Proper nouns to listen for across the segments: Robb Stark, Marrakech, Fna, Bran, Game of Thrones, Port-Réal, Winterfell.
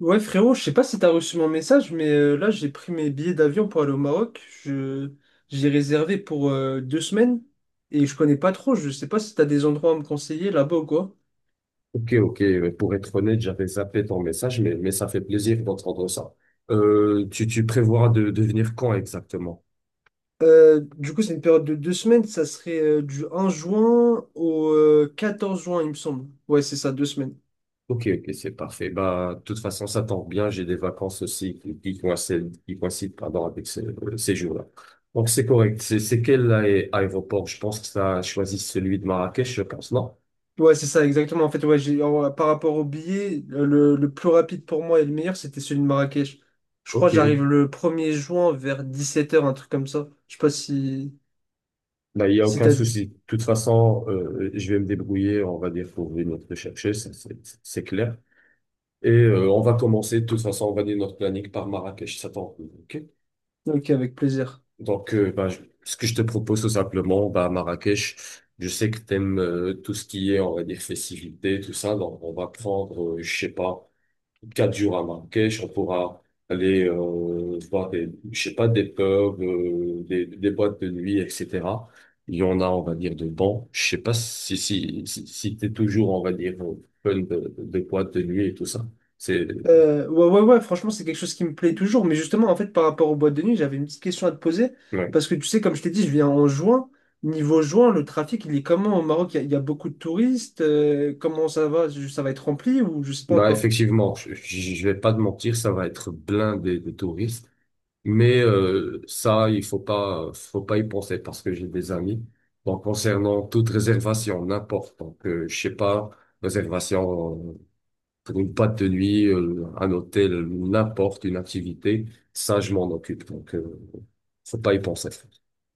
Ouais frérot, je sais pas si t'as reçu mon message, mais là j'ai pris mes billets d'avion pour aller au Maroc. Je j'ai réservé pour deux semaines et je connais pas trop. Je sais pas si t'as des endroits à me conseiller là-bas ou quoi. Ok, ok. Pour être honnête, j'avais zappé ton message, mais ça fait plaisir d'entendre ça. Tu prévois de venir quand exactement? Du coup, c'est une période de deux semaines. Ça serait du 1er juin au 14 juin, il me semble. Ouais, c'est ça, deux semaines. Ok, ok, c'est parfait. Bah, de toute façon, ça tombe bien. J'ai des vacances aussi qui coïncident, pardon, avec ces jours-là. Donc, c'est correct. C'est quel aéroport? Je pense que ça choisit celui de Marrakech, je pense, non? Ouais, c'est ça, exactement. En fait, ouais, par rapport au billet, le plus rapide pour moi et le meilleur, c'était celui de Marrakech. Je crois Ok, que ok. j'arrive le 1er juin vers 17 h, un truc comme ça. Je sais pas si... Bah, il n'y a Si aucun t'as... souci. De toute façon, je vais me débrouiller, on va dire, pour venir te chercher, ça, c'est clair. Et on va commencer, de toute façon, on va dire notre planning par Marrakech, ça t'en ok? Ok, avec plaisir. Donc, ce que je te propose tout simplement, bah, Marrakech, je sais que t'aimes tout ce qui est, on va dire, festivité, tout ça, donc on va prendre, je sais pas, 4 jours à Marrakech, on pourra aller voir je sais pas, des pubs, des boîtes de nuit, etc. Il y en a, on va dire, de bons. Je sais pas si t'es toujours, on va dire, au fun de boîtes de nuit et tout ça. C'est... Ouais, franchement, c'est quelque chose qui me plaît toujours. Mais justement, en fait, par rapport aux boîtes de nuit, j'avais une petite question à te poser. ouais. Parce que tu sais, comme je t'ai dit, je viens en juin. Niveau juin, le trafic, il est comment au Maroc? Il y a beaucoup de touristes. Comment ça va? Ça va être rempli ou je sais pas Bah encore? effectivement, je vais pas te mentir, ça va être blindé de touristes, mais ça il faut pas y penser parce que j'ai des amis. Donc concernant toute réservation, n'importe, donc je sais pas, réservation pour une boîte de nuit, un hôtel, n'importe une activité, ça je m'en occupe. Donc faut pas y penser.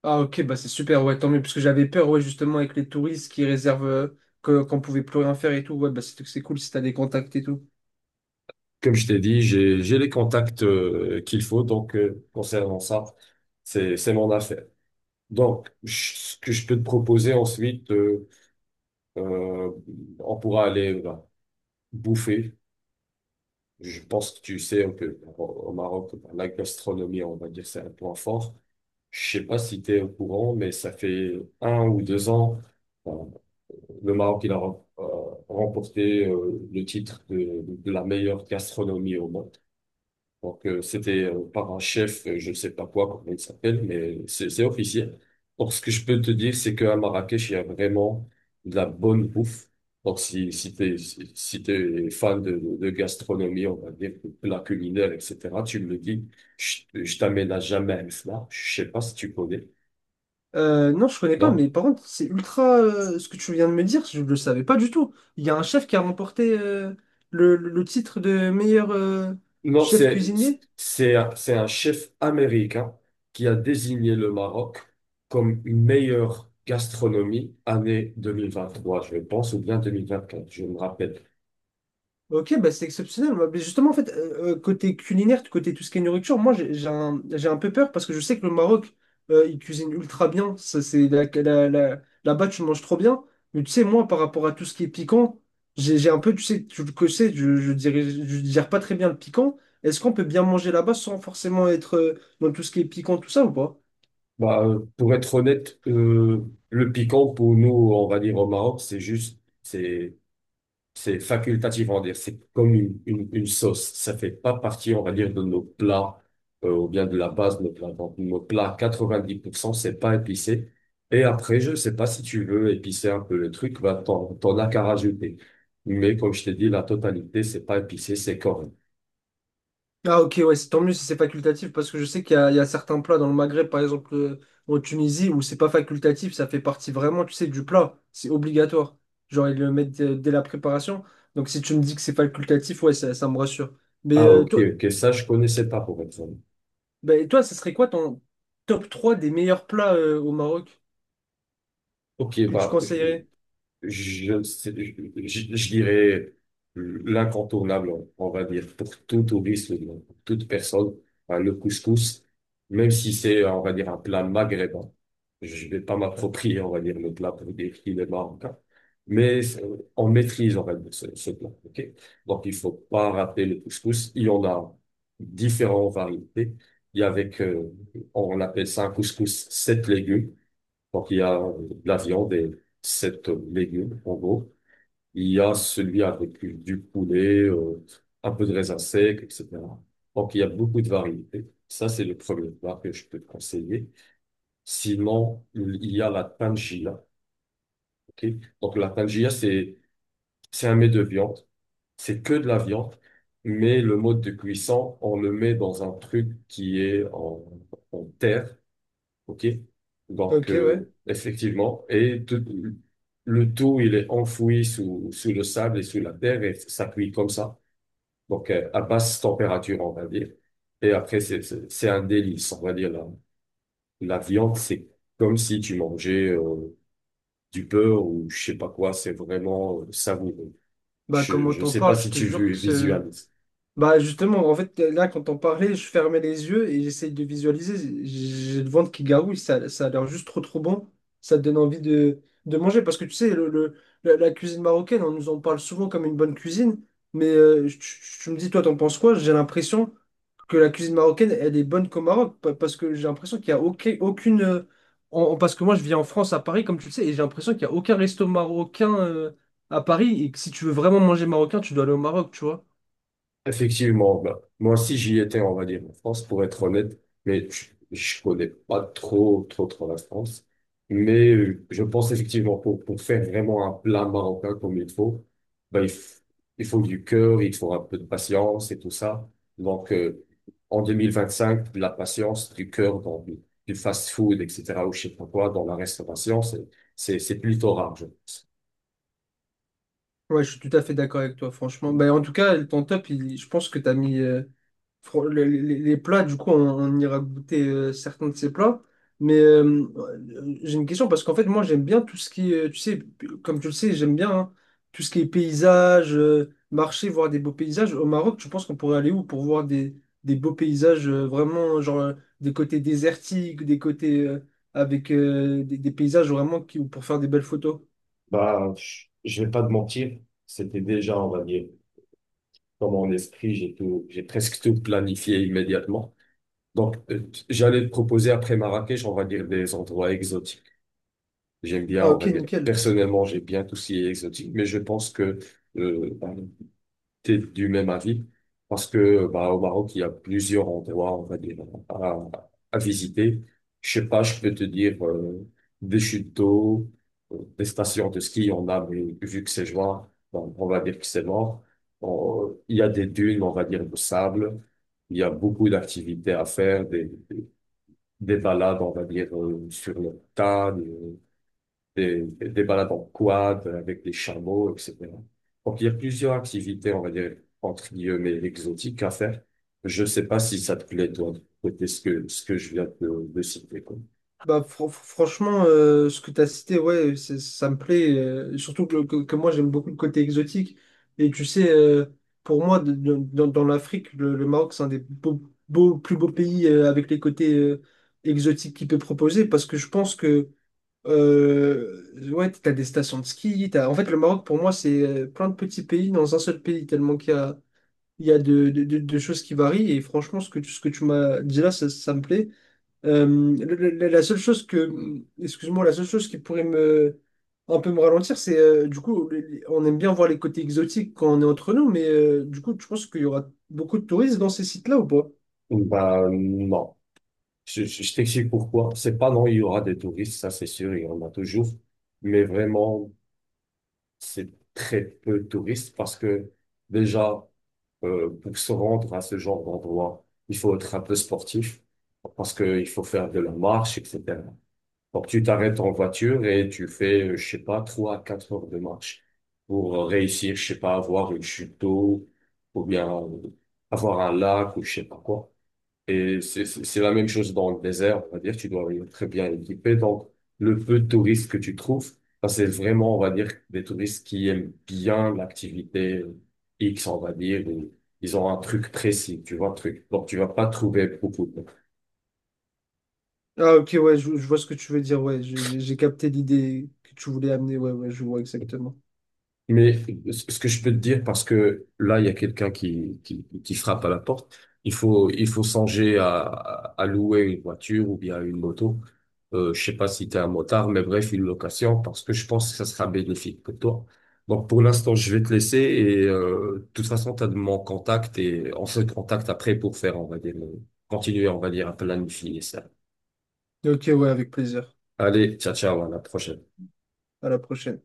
Ah ok, bah c'est super, ouais, tant mieux, parce que j'avais peur, ouais, justement, avec les touristes qui réservent, que, qu'on pouvait plus rien faire et tout, ouais, bah c'est cool si t'as des contacts et tout. Comme je t'ai dit, j'ai les contacts qu'il faut, donc concernant ça, c'est mon affaire. Donc, ce que je peux te proposer ensuite, euh, on pourra aller bah, bouffer. Je pense que tu sais un peu au Maroc, bah, la gastronomie, on va dire, c'est un point fort. Je sais pas si tu es au courant, mais ça fait 1 ou 2 ans, euh, le Maroc, il a remporté le titre de la meilleure gastronomie au monde. Donc, c'était par un chef, je ne sais pas quoi, comment il s'appelle, mais c'est officiel. Donc, ce que je peux te dire, c'est qu'à Marrakech, il y a vraiment de la bonne bouffe. Donc, si t'es fan de gastronomie, on va dire, de plats culinaires, etc., tu me le dis, je t'amène à jamais à Fna. Je sais pas si tu connais. Non, je connais pas, Non? mais par contre, c'est ultra, ce que tu viens de me dire, je le savais pas du tout. Il y a un chef qui a remporté, titre de meilleur, Non, chef cuisinier. C'est un chef américain qui a désigné le Maroc comme une meilleure gastronomie année 2023, je pense, ou bien 2024, je me rappelle. Ok, bah c'est exceptionnel. Moi, mais justement, en fait, côté culinaire, côté tout ce qui est nourriture, moi, j'ai un peu peur parce que je sais que le Maroc, il cuisine ultra bien. Ça, c'est là-bas, tu manges trop bien. Mais tu sais, moi, par rapport à tout ce qui est piquant, j'ai un peu, tu sais, tu le sais, je dirais, je digère pas très bien le piquant. Est-ce qu'on peut bien manger là-bas sans forcément être dans tout ce qui est piquant, tout ça ou pas? Bah, pour être honnête, le piquant pour nous, on va dire au Maroc, c'est juste, c'est facultatif, on va dire. C'est comme une sauce. Ça fait pas partie, on va dire, de nos plats, ou bien de la base de nos plats. Donc, nos plats, 90%, c'est pas épicé. Et après, je sais pas si tu veux épicer un peu le truc, bah, t'en as qu'à rajouter. Mais comme je t'ai dit, la totalité, c'est pas épicé, c'est correct. Ah ok, ouais, c'est tant mieux si c'est facultatif, parce que je sais qu'il y a certains plats dans le Maghreb, par exemple en Tunisie, où c'est pas facultatif, ça fait partie vraiment, tu sais, du plat, c'est obligatoire. Genre, ils le mettent dès la préparation. Donc si tu me dis que c'est facultatif, ouais, ça me rassure. Mais Ah, euh, ok, toi, ok. Ça, je connaissais pas, pour être honnête. bah, toi, ça serait quoi ton top 3 des meilleurs plats au Maroc Ok, que tu bah, conseillerais? je, ne sais- je- dirais l'incontournable, on va dire, pour tout touriste, pour toute personne, hein, le couscous, même si c'est, on va dire, un plat maghrébin. Je vais pas m'approprier, on va dire, le plat pour dire qu'il est marocain, mais on maîtrise, on va dire, ce plat. Ok. Donc, il faut pas rater le couscous. Il y en a différentes variétés. Il y a avec, on appelle ça un couscous 7 légumes. Donc, il y a de la viande et sept légumes, en gros. Il y a celui avec du poulet, un peu de raisin sec, etc. Donc, il y a beaucoup de variétés. Ça, c'est le premier plat que je peux te conseiller. Sinon, il y a la tangia. Ok. Donc, la tangia, c'est un mets de viande. C'est que de la viande, mais le mode de cuisson, on le met dans un truc qui est en terre. OK? Donc, Ok, ouais. Effectivement, le tout, il est enfoui sous le sable et sous la terre et ça cuit comme ça. Donc, à basse température, on va dire. Et après, c'est un délice, on va dire. La viande, c'est comme si tu mangeais du beurre ou je sais pas quoi. C'est vraiment savoureux. Bah comment Je t'en sais pas parles, je si te tu jure que c'est... visualises. Bah justement, en fait, là, quand on parlait, je fermais les yeux et j'essayais de visualiser. J'ai le ventre qui garouille, ça a l'air juste trop trop bon. Ça te donne envie de manger. Parce que tu sais, la cuisine marocaine, on nous en parle souvent comme une bonne cuisine. Mais me dis, toi, t'en penses quoi? J'ai l'impression que la cuisine marocaine, elle est bonne qu'au Maroc. Parce que j'ai l'impression qu'il n'y a parce que moi, je vis en France, à Paris, comme tu le sais, et j'ai l'impression qu'il n'y a aucun resto marocain à Paris. Et que si tu veux vraiment manger marocain, tu dois aller au Maroc, tu vois. Effectivement, bah, moi aussi j'y étais, on va dire, en France, pour être honnête, mais je connais pas trop la France. Mais je pense effectivement pour faire vraiment un plat marocain comme il faut, bah, il, f- il faut du cœur, il faut un peu de patience et tout ça. Donc en 2025, de la patience, du cœur du fast-food, etc., ou je sais pas quoi, dans la restauration, c'est plutôt rare, je pense. Ouais, je suis tout à fait d'accord avec toi, franchement. Ben, en tout cas, ton top, je pense que tu as mis les plats. Du coup, on ira goûter certains de ces plats. Mais j'ai une question parce qu'en fait, moi, j'aime bien tout ce qui est, tu sais, comme tu le sais, j'aime bien hein, tout ce qui est paysage, marché, voir des beaux paysages. Au Maroc, tu penses qu'on pourrait aller où pour voir des beaux paysages vraiment, genre des côtés désertiques, des côtés. Avec des paysages vraiment qui, pour faire des belles photos. Bah, je vais pas te mentir, c'était déjà, on va dire, dans mon esprit, j'ai presque tout planifié immédiatement. Donc, j'allais te proposer après Marrakech, on va dire des endroits exotiques. J'aime bien, Ah on ok, va dire, nickel. personnellement, j'aime bien tout ce qui est exotique, mais je pense que euh, t'es du même avis parce que bah, au Maroc, il y a plusieurs endroits, on va dire, à, à visiter. Je sais pas, je peux te dire des chutes d'eau, des stations de ski, on a, mais vu que c'est juin, bon, on va dire que c'est mort. Il y a des dunes, on va dire, de sable. Il y a beaucoup d'activités à faire, des balades, on va dire, sur le tas des balades en quad avec des chameaux, etc. Donc, il y a plusieurs activités, on va dire, entre guillemets, exotiques à faire. Je sais pas si ça te plaît, toi, de côté ce que je viens de citer, quoi. Bah, franchement, ce que tu as cité, ouais, ça me plaît. Surtout que moi, j'aime beaucoup le côté exotique. Et tu sais, pour moi, dans l'Afrique, le Maroc, c'est un des plus beaux pays avec les côtés exotiques qu'il peut proposer. Parce que je pense que ouais, tu as des stations de ski. En fait, le Maroc, pour moi, c'est plein de petits pays dans un seul pays, tellement qu'il y a, il y a de choses qui varient. Et franchement, ce que tu m'as dit là, ça me plaît. Euh, la seule excuse-moi, la seule chose qui pourrait me, un peu me ralentir, c'est du coup, on aime bien voir les côtés exotiques quand on est entre nous, mais du coup, tu penses qu'il y aura beaucoup de touristes dans ces sites-là ou pas? Bah, non. Je t'explique pourquoi. C'est pas non, il y aura des touristes, ça c'est sûr, il y en a toujours. Mais vraiment, c'est très peu de touristes parce que déjà, pour se rendre à ce genre d'endroit, il faut être un peu sportif parce qu'il faut faire de la marche, etc. Donc, tu t'arrêtes en voiture et tu fais, je sais pas, 3 à 4 heures de marche pour réussir, je sais pas, avoir une chute d'eau ou bien avoir un lac ou je sais pas quoi. Et c'est la même chose dans le désert, on va dire, tu dois être très bien équipé. Donc, le peu de touristes que tu trouves, ça, c'est vraiment, on va dire, des touristes qui aiment bien l'activité X, on va dire, ou ils ont un truc précis, tu vois, un truc. Donc, tu vas pas trouver beaucoup de. Ah, ok, ouais, je vois ce que tu veux dire, ouais, j'ai capté l'idée que tu voulais amener, ouais, ouais, je vois exactement. Mais ce que je peux te dire, parce que là, il y a quelqu'un qui frappe à la porte, il faut songer à louer une voiture ou bien une moto. Je sais pas si tu es un motard, mais bref, une location, parce que je pense que ça sera bénéfique pour toi. Donc, pour l'instant, je vais te laisser et de toute façon, tu as de mon contact et on se contacte après pour faire, on va dire, continuer, on va dire, à planifier ça. Ok, ouais, avec plaisir. Allez, ciao, à la prochaine. À la prochaine.